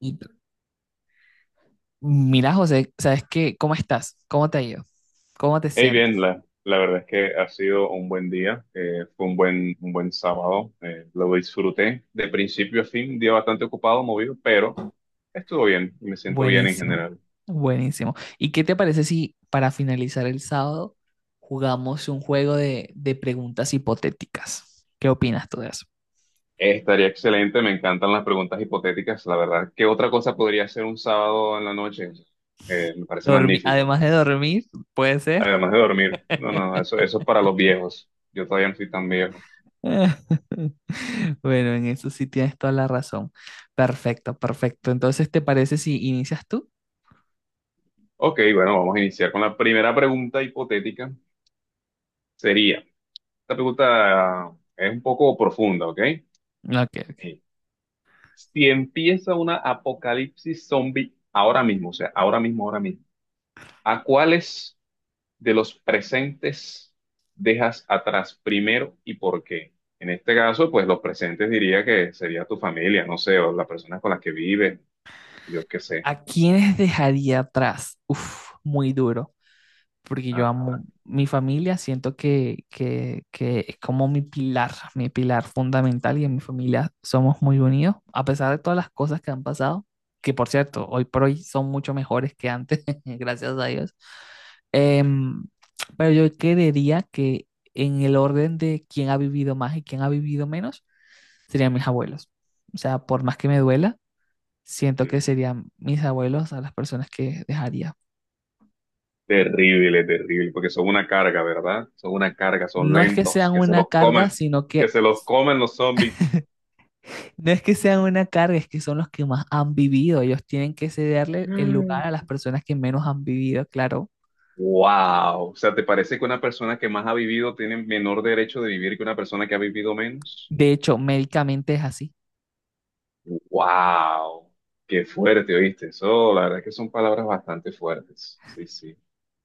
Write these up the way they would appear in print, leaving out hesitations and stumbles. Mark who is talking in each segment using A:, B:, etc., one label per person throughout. A: Y mira, José, ¿sabes qué? ¿Cómo estás? ¿Cómo te ha ido? ¿Cómo te
B: Hey, bien,
A: sientes?
B: la verdad es que ha sido un buen día, fue un buen sábado, lo disfruté de principio a fin, un día bastante ocupado, movido, pero estuvo bien, me siento bien en
A: Buenísimo,
B: general.
A: buenísimo. ¿Y qué te parece si para finalizar el sábado jugamos un juego de preguntas hipotéticas? ¿Qué opinas tú de eso?
B: Estaría excelente, me encantan las preguntas hipotéticas, la verdad. ¿Qué otra cosa podría ser un sábado en la noche? Me parece magnífico,
A: Además de dormir, puede ser.
B: además de dormir. No, no, eso es para los viejos, yo todavía no soy tan viejo.
A: Bueno, en eso sí tienes toda la razón. Perfecto, perfecto. Entonces, ¿te parece si inicias tú?
B: Ok, bueno, vamos a iniciar con la primera pregunta hipotética. Sería... Esta pregunta es un poco profunda, ¿ok?
A: Ok,
B: Eh, Si empieza una apocalipsis zombie ahora mismo, o sea, ahora mismo, ¿a cuáles de los presentes dejas atrás primero y por qué? En este caso, pues los presentes diría que sería tu familia, no sé, o las personas con las que vives, yo qué sé.
A: ¿a quiénes dejaría atrás? Uf, muy duro, porque yo
B: Ajá.
A: amo mi familia, siento que es como mi pilar fundamental y en mi familia somos muy unidos, a pesar de todas las cosas que han pasado, que por cierto, hoy por hoy son mucho mejores que antes, gracias a Dios. Em, pero yo creería que en el orden de quién ha vivido más y quién ha vivido menos, serían mis abuelos. O sea, por más que me duela, siento que
B: Mm,
A: serían mis abuelos a las personas que dejaría.
B: terrible, terrible, porque son una carga, ¿verdad? Son una carga, son
A: No es que
B: lentos,
A: sean
B: que se
A: una
B: los
A: carga,
B: coman,
A: sino
B: que
A: que
B: se los coman los zombies.
A: no es que sean una carga, es que son los que más han vivido. Ellos tienen que cederle el lugar a las personas que menos han vivido, claro.
B: Wow, o sea, ¿te parece que una persona que más ha vivido tiene menor derecho de vivir que una persona que ha vivido menos?
A: De hecho, médicamente es así.
B: Wow, qué fuerte, ¿oíste? Eso, la verdad es que son palabras bastante fuertes. Sí, sí.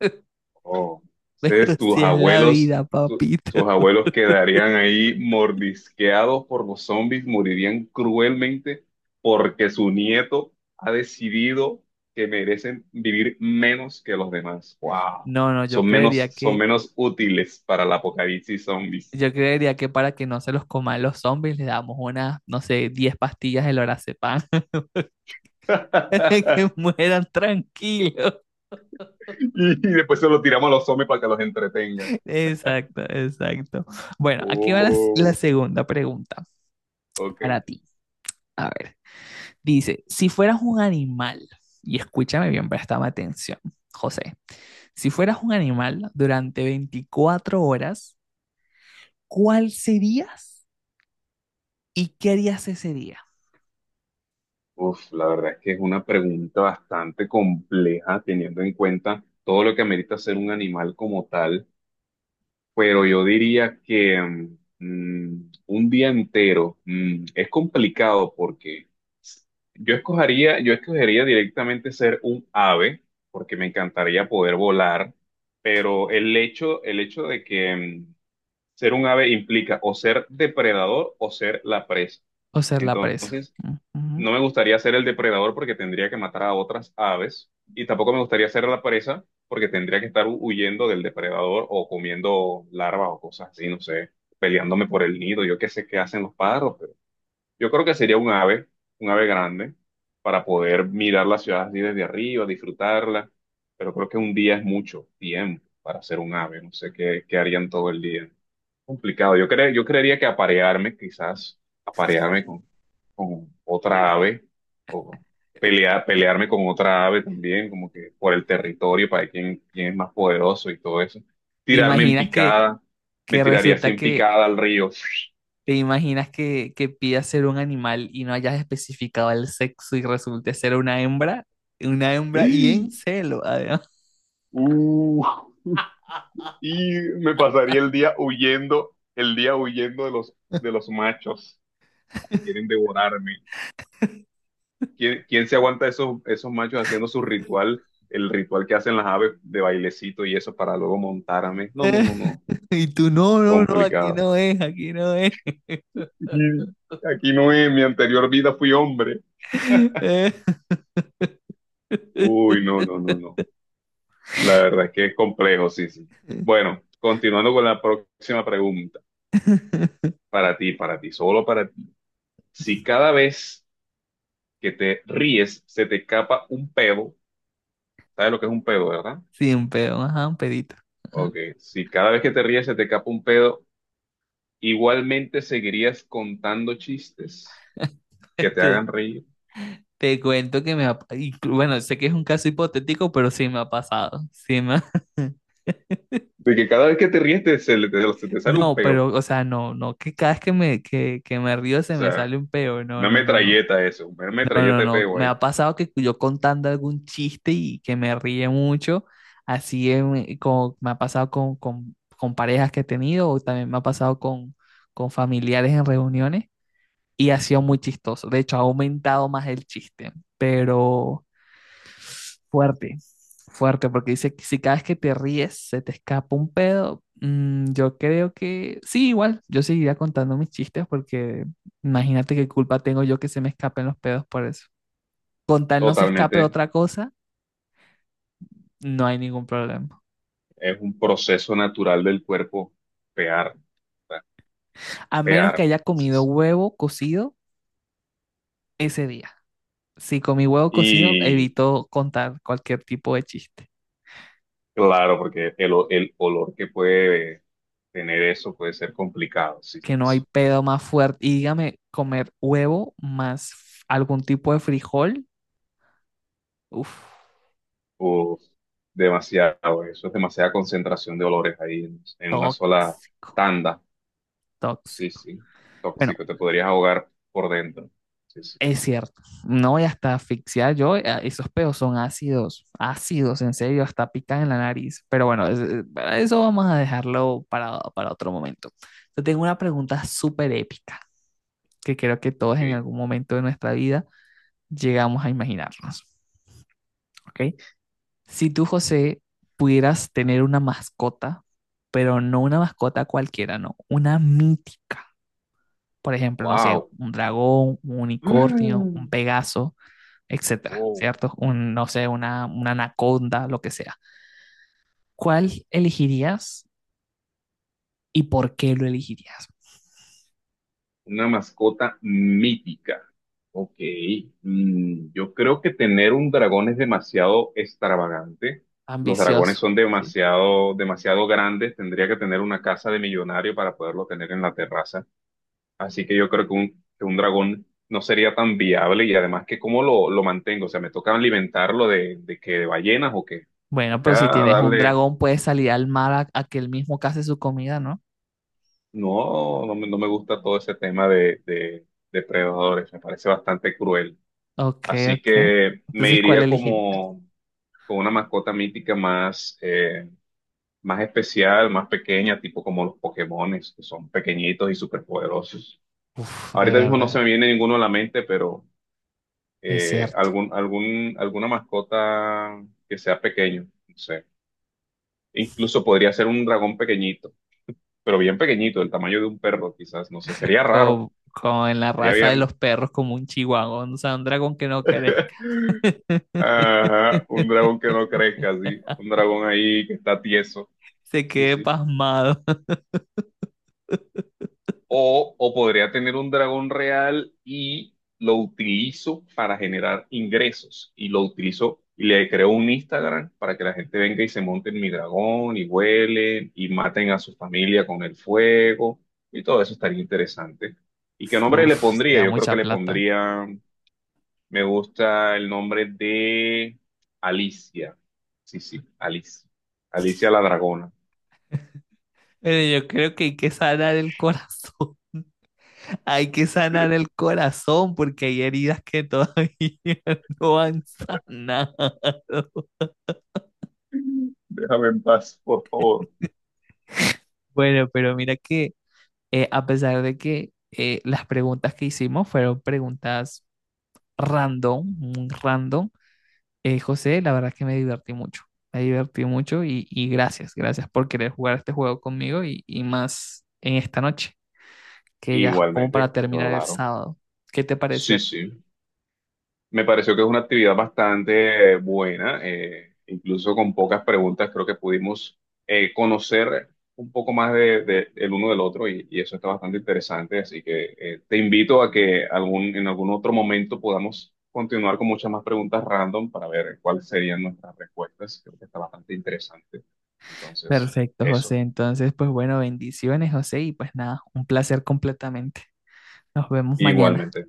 B: Oh,
A: Pero
B: entonces tus
A: si es la
B: abuelos,
A: vida, papito.
B: tus abuelos quedarían ahí mordisqueados por los zombies, morirían cruelmente porque su nieto ha decidido que merecen vivir menos que los demás. Wow,
A: No, no,
B: son menos útiles para el apocalipsis zombies.
A: yo creería que para que no se los coman los zombies, le damos unas, no sé, 10 pastillas de lorazepam, que mueran tranquilos.
B: Y después se lo tiramos a los zombies para que los entretengan.
A: Exacto, exacto. Bueno, aquí va la
B: Oh,
A: segunda pregunta
B: ok.
A: para ti. A ver, dice, si fueras un animal, y escúchame bien, préstame atención, José, si fueras un animal durante 24 horas, ¿cuál serías y qué harías ese día?
B: Uf, la verdad es que es una pregunta bastante compleja teniendo en cuenta todo lo que amerita ser un animal como tal, pero yo diría que un día entero es complicado porque yo escogería directamente ser un ave porque me encantaría poder volar, pero el hecho de que mm, ser un ave implica o ser depredador o ser la presa.
A: O ser la presa.
B: Entonces,
A: Ujú.
B: no me gustaría ser el depredador porque tendría que matar a otras aves y tampoco me gustaría ser la presa porque tendría que estar huyendo del depredador o comiendo larvas o cosas así, no sé, peleándome por el nido, yo qué sé qué hacen los pájaros, pero yo creo que sería un ave grande para poder mirar la ciudad así desde arriba, disfrutarla, pero creo que un día es mucho tiempo para ser un ave, no sé qué, qué harían todo el día. Complicado. Yo creería que aparearme, quizás, aparearme con otra ave, o pelear, pelearme con otra ave también, como que por el territorio, para ver quién, quién es más poderoso y todo eso.
A: ¿Te
B: Tirarme en
A: imaginas que,
B: picada, me
A: que
B: tiraría así
A: resulta
B: en
A: que
B: picada al río.
A: ¿Te imaginas que pidas ser un animal y no hayas especificado el sexo y resulte ser una hembra? Una hembra y en celo, además.
B: Uh, y me pasaría el día huyendo de los machos que quieren devorarme. ¿Quién, quién se aguanta esos, esos machos haciendo su ritual, el ritual que hacen las aves de bailecito y eso para luego montarme? No, no,
A: Eh,
B: no, no.
A: Y tú, no, no, no, aquí
B: Complicado.
A: no es, aquí no es.
B: Aquí, aquí no es, en mi anterior vida fui hombre.
A: Eh,
B: Uy, no, no, no, no. La verdad es que es complejo, sí, sí. Bueno, continuando con la próxima pregunta. Para ti, solo para ti. Si cada vez que te ríes se te escapa un pedo, ¿sabes lo que es un pedo, verdad?
A: Sí, un pedo, ajá, un pedito. Ajá.
B: Ok, si cada vez que te ríes se te escapa un pedo, igualmente seguirías contando chistes que te
A: Este,
B: hagan reír.
A: Te cuento que me ha, y bueno, sé que es un caso hipotético, pero sí me ha pasado.
B: De que cada vez que te ríes te, se, le- te- se te sale un
A: No,
B: peo. O
A: pero, o sea, no, no, que cada vez que me río se me sale
B: sea,
A: un peo. No,
B: una
A: no, no, no.
B: metralleta eso, una
A: No, no,
B: metralleta de
A: no.
B: peo
A: Me
B: ahí.
A: ha pasado que yo contando algún chiste y que me ríe mucho, como me ha pasado con parejas que he tenido o también me ha pasado con familiares en reuniones y ha sido muy chistoso. De hecho, ha aumentado más el chiste, pero fuerte, fuerte, porque dice que si cada vez que te ríes se te escapa un pedo, yo creo que sí, igual, yo seguiría contando mis chistes porque imagínate qué culpa tengo yo que se me escapen los pedos por eso. Con tal no se escape
B: Totalmente.
A: otra cosa, no hay ningún problema.
B: Es un proceso natural del cuerpo pear, o sea,
A: A menos que
B: pear.
A: haya comido huevo cocido ese día. Si comí huevo cocido,
B: Y
A: evito contar cualquier tipo de chiste.
B: claro, porque el olor que puede tener eso puede ser complicado. Sí,
A: Que no hay
B: sí.
A: pedo más fuerte. Y dígame, comer huevo más algún tipo de frijol, uff,
B: Uf, demasiado. Eso es demasiada concentración de olores ahí en una sola
A: tóxico,
B: tanda. Sí,
A: tóxico.
B: sí.
A: Bueno,
B: Tóxico, te podrías ahogar por dentro. Sí, sí.
A: es cierto, no, y hasta asfixiar yo, esos peos son ácidos, ácidos, en serio, hasta pican en la nariz. Pero bueno, para eso vamos a dejarlo para otro momento. Te tengo una pregunta súper épica que creo que todos
B: Ok.
A: en algún momento de nuestra vida llegamos a imaginarnos, ¿ok? Si tú, José, pudieras tener una mascota, pero no una mascota cualquiera, no, una mítica, por ejemplo, no sé,
B: Wow.
A: un dragón, un unicornio, un pegaso, etcétera,
B: Oh,
A: ¿cierto? Un, no sé, una anaconda, lo que sea. ¿Cuál elegirías y por qué lo elegirías?
B: una mascota mítica. Ok. Mm, yo creo que tener un dragón es demasiado extravagante. Los dragones
A: Ambicioso.
B: son
A: ¿Sí?
B: demasiado, demasiado grandes. Tendría que tener una casa de millonario para poderlo tener en la terraza. Así que yo creo que un dragón no sería tan viable y además que cómo lo mantengo, o sea, me toca alimentarlo de que de ballenas o qué.
A: Bueno,
B: Toca
A: pero si tienes un
B: darle,
A: dragón, puedes salir al mar a que él mismo case su comida, ¿no?
B: no me gusta todo ese tema de depredadores, me parece bastante cruel.
A: Ok,
B: Así
A: ok.
B: que me
A: Entonces, ¿cuál
B: iría
A: elegirías?
B: como con una mascota mítica más, más especial, más pequeña, tipo como los Pokémones, que son pequeñitos y superpoderosos.
A: Uf, de
B: Ahorita mismo no se
A: verdad,
B: me viene ninguno a la mente, pero
A: es cierto.
B: alguna mascota que sea pequeño, no sé. Incluso podría ser un dragón pequeñito, pero bien pequeñito, del tamaño de un perro, quizás, no sé, sería raro,
A: Como, como en la
B: sería
A: raza de
B: bien.
A: los perros, como un chihuahua, o sea, un dragón que no querés.
B: Ajá, un dragón que no crezca, sí, un dragón ahí que está tieso,
A: Se
B: sí,
A: quede
B: sí.
A: pasmado.
B: O podría tener un dragón real y lo utilizo para generar ingresos. Y lo utilizo y le creo un Instagram para que la gente venga y se monte en mi dragón y huelen y maten a su familia con el fuego. Y todo eso estaría interesante. ¿Y qué nombre le
A: Uf,
B: pondría?
A: sería
B: Yo creo que
A: mucha
B: le
A: plata.
B: pondría, me gusta el nombre de Alicia. Sí, sí, Alicia. Alicia la dragona.
A: Pero yo creo que hay que sanar el corazón. Hay que sanar el corazón porque hay heridas que todavía no han sanado.
B: Déjame en paz, por favor.
A: Bueno, pero mira que a pesar de que las preguntas que hicimos fueron preguntas random, muy random, José, la verdad que me divertí mucho. Me divertí mucho y gracias, gracias por querer jugar este juego conmigo y más en esta noche, que ya es como para
B: Igualmente,
A: terminar el
B: claro.
A: sábado. ¿Qué te pareció
B: Sí,
A: a ti?
B: sí. Me pareció que es una actividad bastante buena, incluso con pocas preguntas, creo que pudimos conocer un poco más de, el uno del otro y eso está bastante interesante. Así que te invito a que algún, en algún otro momento podamos continuar con muchas más preguntas random para ver cuáles serían nuestras respuestas. Creo que está bastante interesante. Entonces,
A: Perfecto,
B: eso,
A: José. Entonces, pues bueno, bendiciones, José, y pues nada, un placer completamente. Nos vemos mañana.
B: igualmente.